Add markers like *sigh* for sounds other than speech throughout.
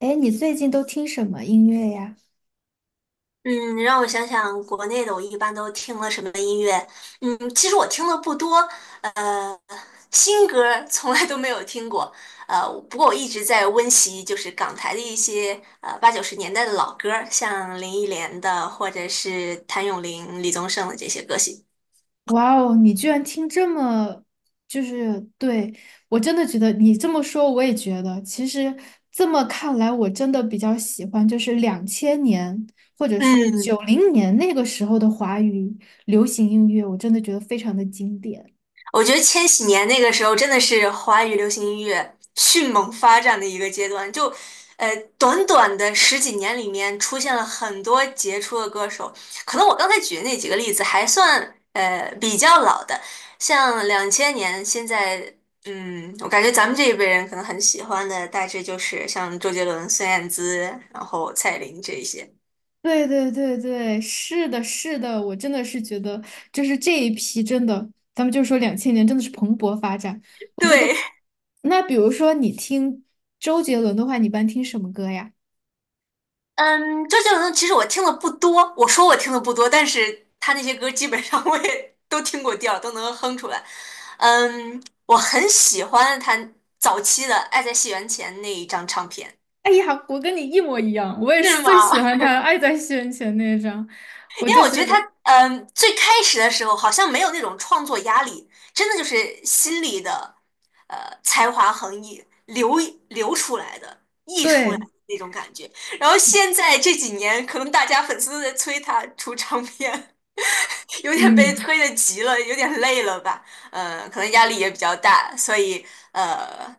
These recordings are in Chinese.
哎，你最近都听什么音乐呀？嗯，让我想想，国内的我一般都听了什么音乐？其实我听的不多，呃，新歌儿从来都没有听过，不过我一直在温习，就是港台的一些八九十年代的老歌儿，像林忆莲的，或者是谭咏麟、李宗盛的这些歌曲。哇哦，你居然听这么，就是对，我真的觉得你这么说，我也觉得，其实这么看来，我真的比较喜欢，就是两千年或者是九嗯，零年那个时候的华语流行音乐，我真的觉得非常的经典。我觉得千禧年那个时候真的是华语流行音乐迅猛发展的一个阶段，就短短的十几年里面出现了很多杰出的歌手。可能我刚才举的那几个例子还算比较老的，像两千年，现在我感觉咱们这一辈人可能很喜欢的大致就是像周杰伦、孙燕姿，然后蔡琳这一些。对对对对，是的，是的，我真的是觉得，就是这一批真的，咱们就说两千年真的是蓬勃发展。我觉得，对，那比如说你听周杰伦的话，你一般听什么歌呀？嗯，周杰伦的其实我听的不多，我说我听的不多，但是他那些歌基本上我也 *laughs* 都听过调，都能哼出来。嗯，我很喜欢他早期的《爱在西元前》那一张唱片。*laughs* 哎呀，我跟你一模一样，我也是是吗？最喜欢他的爱在西元前》那一张，*laughs* 我因为就我觉觉得他，得，最开始的时候好像没有那种创作压力，真的就是心里的，才华横溢流出来的。对，那种感觉。然后现在这几年，可能大家粉丝都在催他出唱片，*laughs* 有点被嗯。催得急了，有点累了吧？可能压力也比较大，所以呃，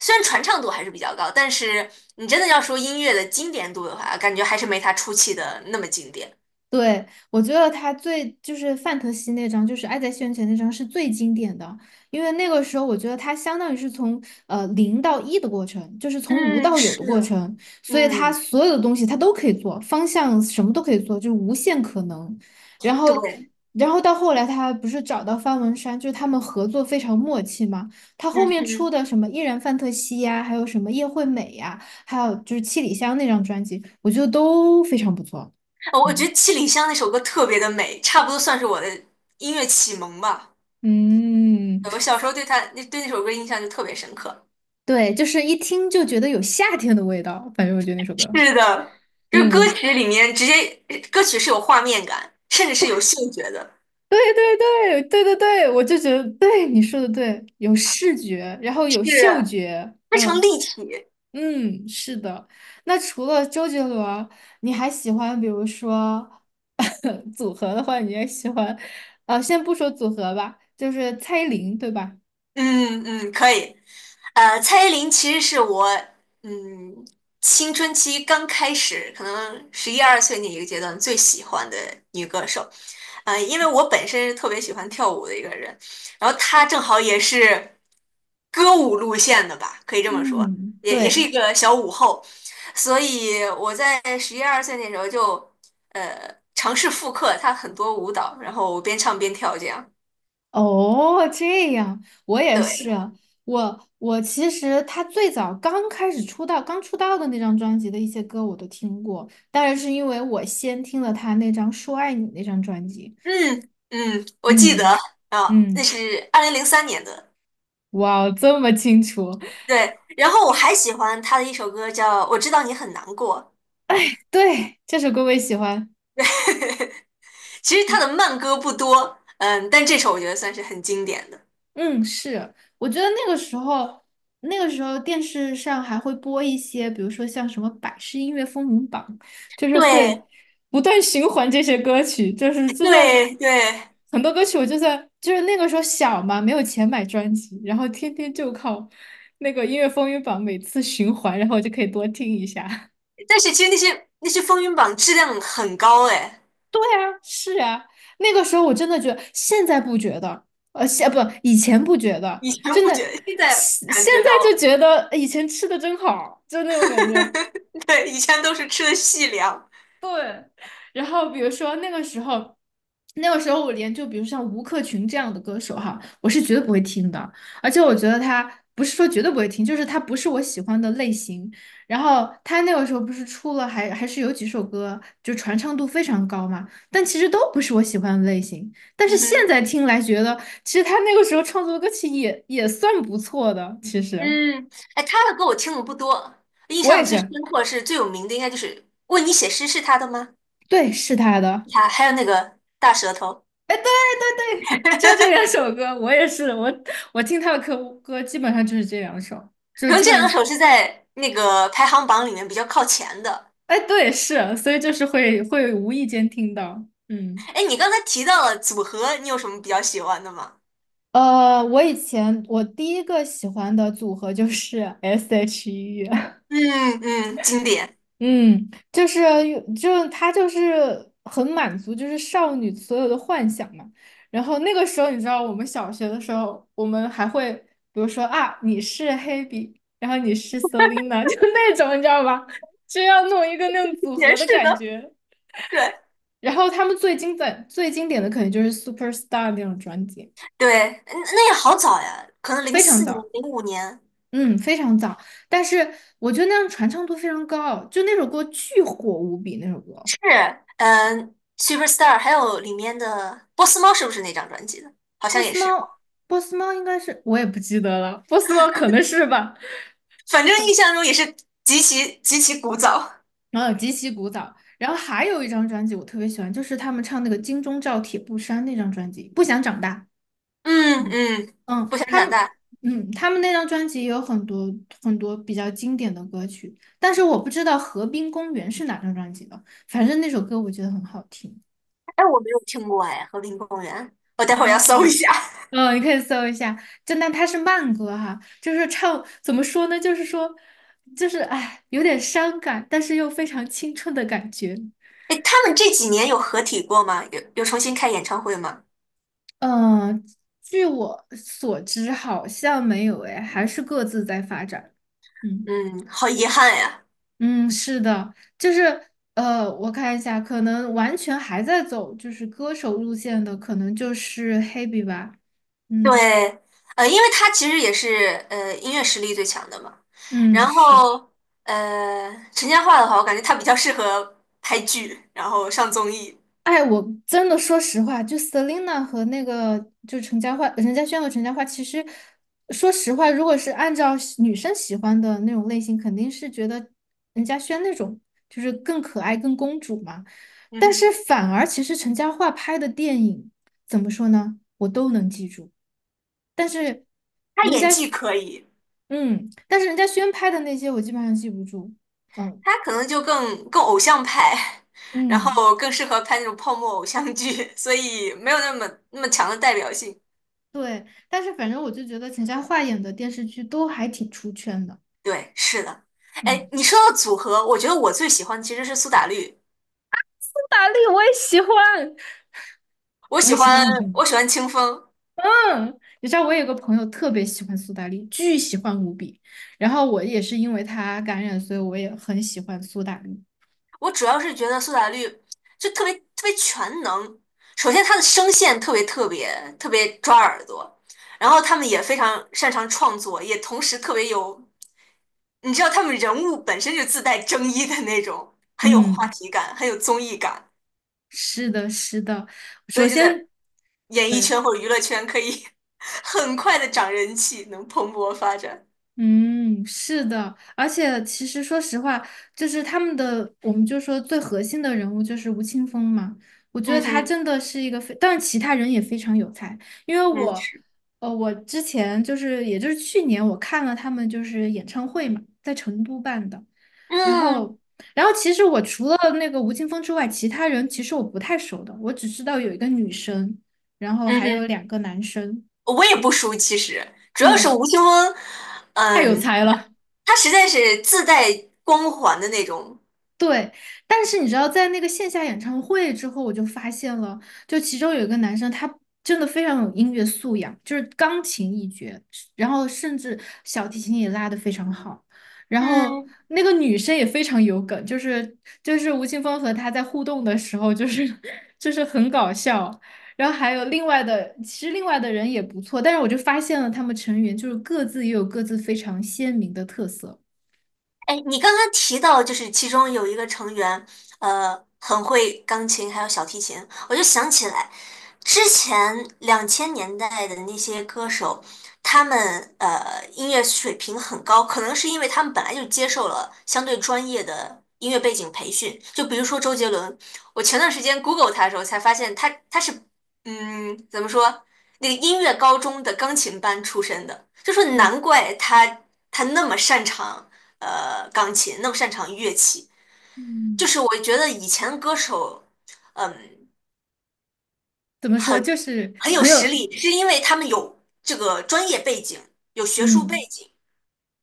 虽然传唱度还是比较高，但是你真的要说音乐的经典度的话，感觉还是没他初期的那么经典。对，我觉得他最就是范特西那张，就是《爱在西元前》那张是最经典的，因为那个时候我觉得他相当于是从零到一的过程，就是从无嗯，到有的过是。程，所以他嗯，所有的东西他都可以做，方向什么都可以做，就是无限可能。然后，对。然后到后来他不是找到方文山，就是他们合作非常默契嘛。他后嗯面出哼，的什么《依然范特西》呀，还有什么《叶惠美》呀，还有就是《七里香》那张专辑，我觉得都非常不错。我觉嗯。得《七里香》那首歌特别的美，差不多算是我的音乐启蒙吧。嗯，我小时候对他那对那首歌印象就特别深刻。对，就是一听就觉得有夏天的味道，反正我觉得那首歌，是的，就歌嗯，曲里面直接歌曲是有画面感，甚至是有嗅觉的，对对对对对对，我就觉得对你说的对，有视觉，然后有是嗅觉，非常嗯立体。嗯，是的。那除了周杰伦，你还喜欢比如说 *laughs* 组合的话，你也喜欢，呃，先不说组合吧，就是蔡依林，对吧？嗯嗯，可以。蔡依林其实是我嗯青春期刚开始，可能十一二岁那一个阶段最喜欢的女歌手。因为我本身是特别喜欢跳舞的一个人，然后他正好也是歌舞路线的吧，可以这么说，嗯，也是对。一个小舞后，所以我在十一二岁那时候就尝试复刻他很多舞蹈，然后边唱边跳这样。哦，这样，我也对，是。我其实他最早刚开始出道，刚出道的那张专辑的一些歌我都听过，当然是因为我先听了他那张《说爱你》那张专辑。嗯嗯，我记得嗯啊，那嗯，是2003年的。哇哦，这么清楚。对。然后我还喜欢他的一首歌叫《我知道你很难过》。*laughs* 对，这首歌我也喜欢。*laughs* 其实他嗯。的慢歌不多，但这首我觉得算是很经典的。嗯，是，我觉得那个时候，那个时候电视上还会播一些，比如说像什么百事音乐风云榜，就是对会不断循环这些歌曲，就是就算对对，很多歌曲，我就算就是那个时候小嘛，没有钱买专辑，然后天天就靠那个音乐风云榜每次循环，然后我就可以多听一下。但是其实那些风云榜质量很高哎，是啊，那个时候我真的觉得，现在不觉得，呃，现不以前不觉得，以前真不的，觉得，现在现感现觉到在就了。觉得以前吃的真好，就那种感觉。*laughs* 对，以前都是吃的细粮。对，然后比如说那个时候。那个时候我连就比如像吴克群这样的歌手哈，我是绝对不会听的，而且我觉得他不是说绝对不会听，就是他不是我喜欢的类型。然后他那个时候不是出了还是有几首歌就传唱度非常高嘛，但其实都不是我喜欢的类型。但是嗯现哼。在听来觉得，其实他那个时候创作的歌曲也算不错的。其实嗯，哎，他的歌我听的不多，印我也象最深是，刻是最有名的应该就是《为你写诗》，是他的吗？对，是他的。他还有那个大舌头，哎。*laughs* 对，就这两首歌，我也是，我我听他的歌基本上就是这两首，就可能基这本两上，首是在那个排行榜里面比较靠前的。哎，对，是，所以就是会无意间听到，嗯，哎，你刚才提到了组合，你有什么比较喜欢的吗？呃，我以前第一个喜欢的组合就是 S.H.E,嗯嗯，经典。嗯，就她就是很满足，就是少女所有的幻想嘛。然后那个时候，你知道我们小学的时候，我们还会比如说啊，你是黑笔，然后你是 Selina,*laughs* 就那种你知道吧？就要弄一个那种 *laughs* 组也合的是感的，觉。对，然后他们最经典最经典的可能就是 Superstar 那种专辑，对。嗯那也好早呀，可能零非常四年、早，05年嗯，非常早。但是我觉得那样传唱度非常高，就那首歌巨火无比，那首歌。是。Superstar,还有里面的波斯猫是不是那张专辑的？好像波也斯是吧，猫，波斯猫应该是我也不记得了，波斯猫可能是吧。*laughs* 反正是印象中也是极其极其古早。然后极其古早，然后还有一张专辑我特别喜欢，就是他们唱那个《金钟罩铁布衫》那张专辑，《不想长大》。嗯嗯，嗯，嗯，不想他长们，大。嗯，他们那张专辑也有很多很多比较经典的歌曲，但是我不知道《河滨公园》是哪张专辑的，反正那首歌我觉得很好听。哎，我没有听过哎，《和平公园》，我待会儿要搜哦，一下。*laughs* 嗯，你可以搜一下，就那它是慢歌哈，就是唱怎么说呢？就是说，就是哎，有点伤感，但是又非常青春的感觉。哎，他们这几年有合体过吗？有重新开演唱会吗？嗯，据我所知，好像没有哎，还是各自在发展。嗯嗯，好遗憾呀。嗯，是的，就是呃，我看一下，可能完全还在走就是歌手路线的，可能就是 Hebe 吧。嗯对，因为他其实也是音乐实力最强的嘛。嗯，然是。后陈嘉桦的话，我感觉他比较适合拍剧，然后上综艺。哎，我真的说实话，就 Selina 和那个就陈嘉桦、陈嘉轩和陈嘉桦，其实说实话，如果是按照喜女生喜欢的那种类型，肯定是觉得任嘉轩那种就是更可爱、更公主嘛。嗯但是哼，反而其实陈嘉桦拍的电影怎么说呢，我都能记住。但是他人家，演技可以，嗯，但是人家轩拍的那些我基本上记不住。嗯他可能就更偶像派，然嗯。后更适合拍那种泡沫偶像剧，所以没有那么那么强的代表性。对，但是反正我就觉得陈嘉桦演的电视剧都还挺出圈的。对，是的。哎，嗯，*laughs* 你说到组合，我觉得我最喜欢其实是苏打绿，苏打绿我也喜欢，我我喜也喜欢欢我喜欢清风。嗯，你知道我有个朋友特别喜欢苏打绿，巨喜欢无比。然后我也是因为他感染，所以我也很喜欢苏打绿。我主要是觉得苏打绿就特别特别全能。首先，他的声线特别特别特别抓耳朵，然后他们也非常擅长创作，也同时特别有，你知道他们人物本身就自带争议的那种，很有话嗯，题感，很有综艺感，是的，是的。所首以就先。在演艺对。圈或者娱乐圈可以 *laughs* 很快的涨人气，能蓬勃发展。嗯，是的，而且其实说实话，就是他们的，我们就说最核心的人物就是吴青峰嘛。我觉得嗯他哼。真的是一个非，但其他人也非常有才。因为我，嗯呃，我之前就是，也就是去年我看了他们就是演唱会嘛，在成都办的。然嗯后，然后其实我除了那个吴青峰之外，其他人其实我不太熟的，我只知道有一个女生，然后嗯还哼，有两个男生。我也不熟，其实主要是嗯，吴青峰。太有嗯。才了。他实在是自带光环的那种。对，但是你知道，在那个线下演唱会之后，我就发现了，就其中有一个男生，他真的非常有音乐素养，就是钢琴一绝，然后甚至小提琴也拉得非常好。然后嗯，那个女生也非常有梗，就是吴青峰和他在互动的时候，就是 *laughs* 就是很搞笑。然后还有另外的，其实另外的人也不错，但是我就发现了他们成员就是各自也有各自非常鲜明的特色。哎，你刚刚提到，就是其中有一个成员，很会钢琴，还有小提琴，我就想起来，之前2000年代的那些歌手，他们音乐水平很高，可能是因为他们本来就接受了相对专业的音乐背景培训。就比如说周杰伦，我前段时间 Google 他的时候才发现他是怎么说，那个音乐高中的钢琴班出身的，就说嗯难怪他那么擅长钢琴，那么擅长乐器。就嗯。是我觉得以前歌手，嗯，怎么说，就是很有很实有，力，是因为他们有这个专业背景，有学术背嗯景。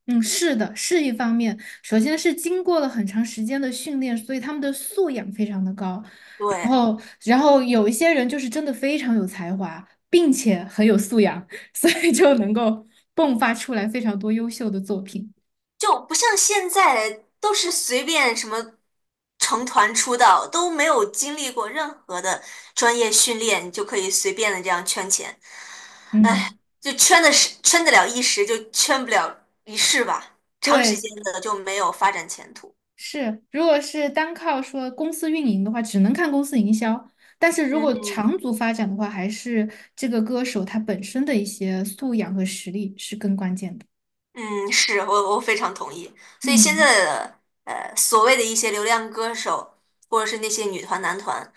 嗯，是的，是一方面。首先是经过了很长时间的训练，所以他们的素养非常的高。然对，后，然后有一些人就是真的非常有才华，并且很有素养，*laughs* 所以就能够迸发出来非常多优秀的作品。就不像现在都是随便什么成团出道，都没有经历过任何的专业训练，你就可以随便的这样圈钱，嗯，就圈的是圈得了一时，就圈不了一世吧，长时对，间的就没有发展前途。是，如果是单靠说公司运营的话，只能看公司营销。但是如果嗯。长足发展的话，还是这个歌手他本身的一些素养和实力是更关键的。嗯，是我非常同意。所以现嗯，在的所谓的一些流量歌手，或者是那些女团男团，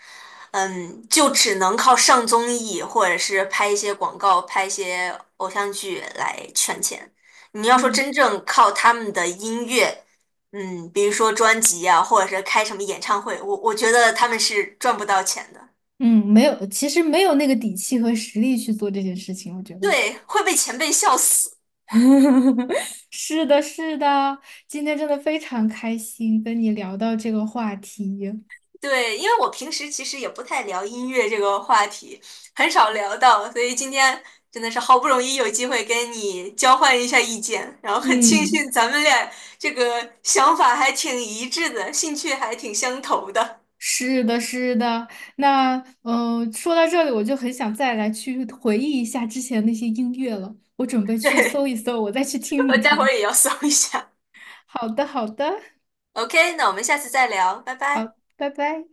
嗯，就只能靠上综艺或者是拍一些广告、拍一些偶像剧来圈钱。你要说对，真正靠他们的音乐，比如说专辑啊，或者是开什么演唱会，我觉得他们是赚不到钱的，嗯，没有，其实没有那个底气和实力去做这件事情，我觉得。对，会被前辈笑死。*laughs* 是的，是的，今天真的非常开心跟你聊到这个话题。对，因为我平时其实也不太聊音乐这个话题，很少聊到，所以今天真的是好不容易有机会跟你交换一下意见，然后很庆嗯。幸咱们俩这个想法还挺一致的，兴趣还挺相投的。是的，是的。那嗯，说到这里，我就很想再来去回忆一下之前那些音乐了。我准备 *laughs* 去对，搜一搜，我再去听一我待会听。儿也要 *laughs* 搜一下。好的，好的，OK,那我们下次再聊，拜拜。好，拜拜。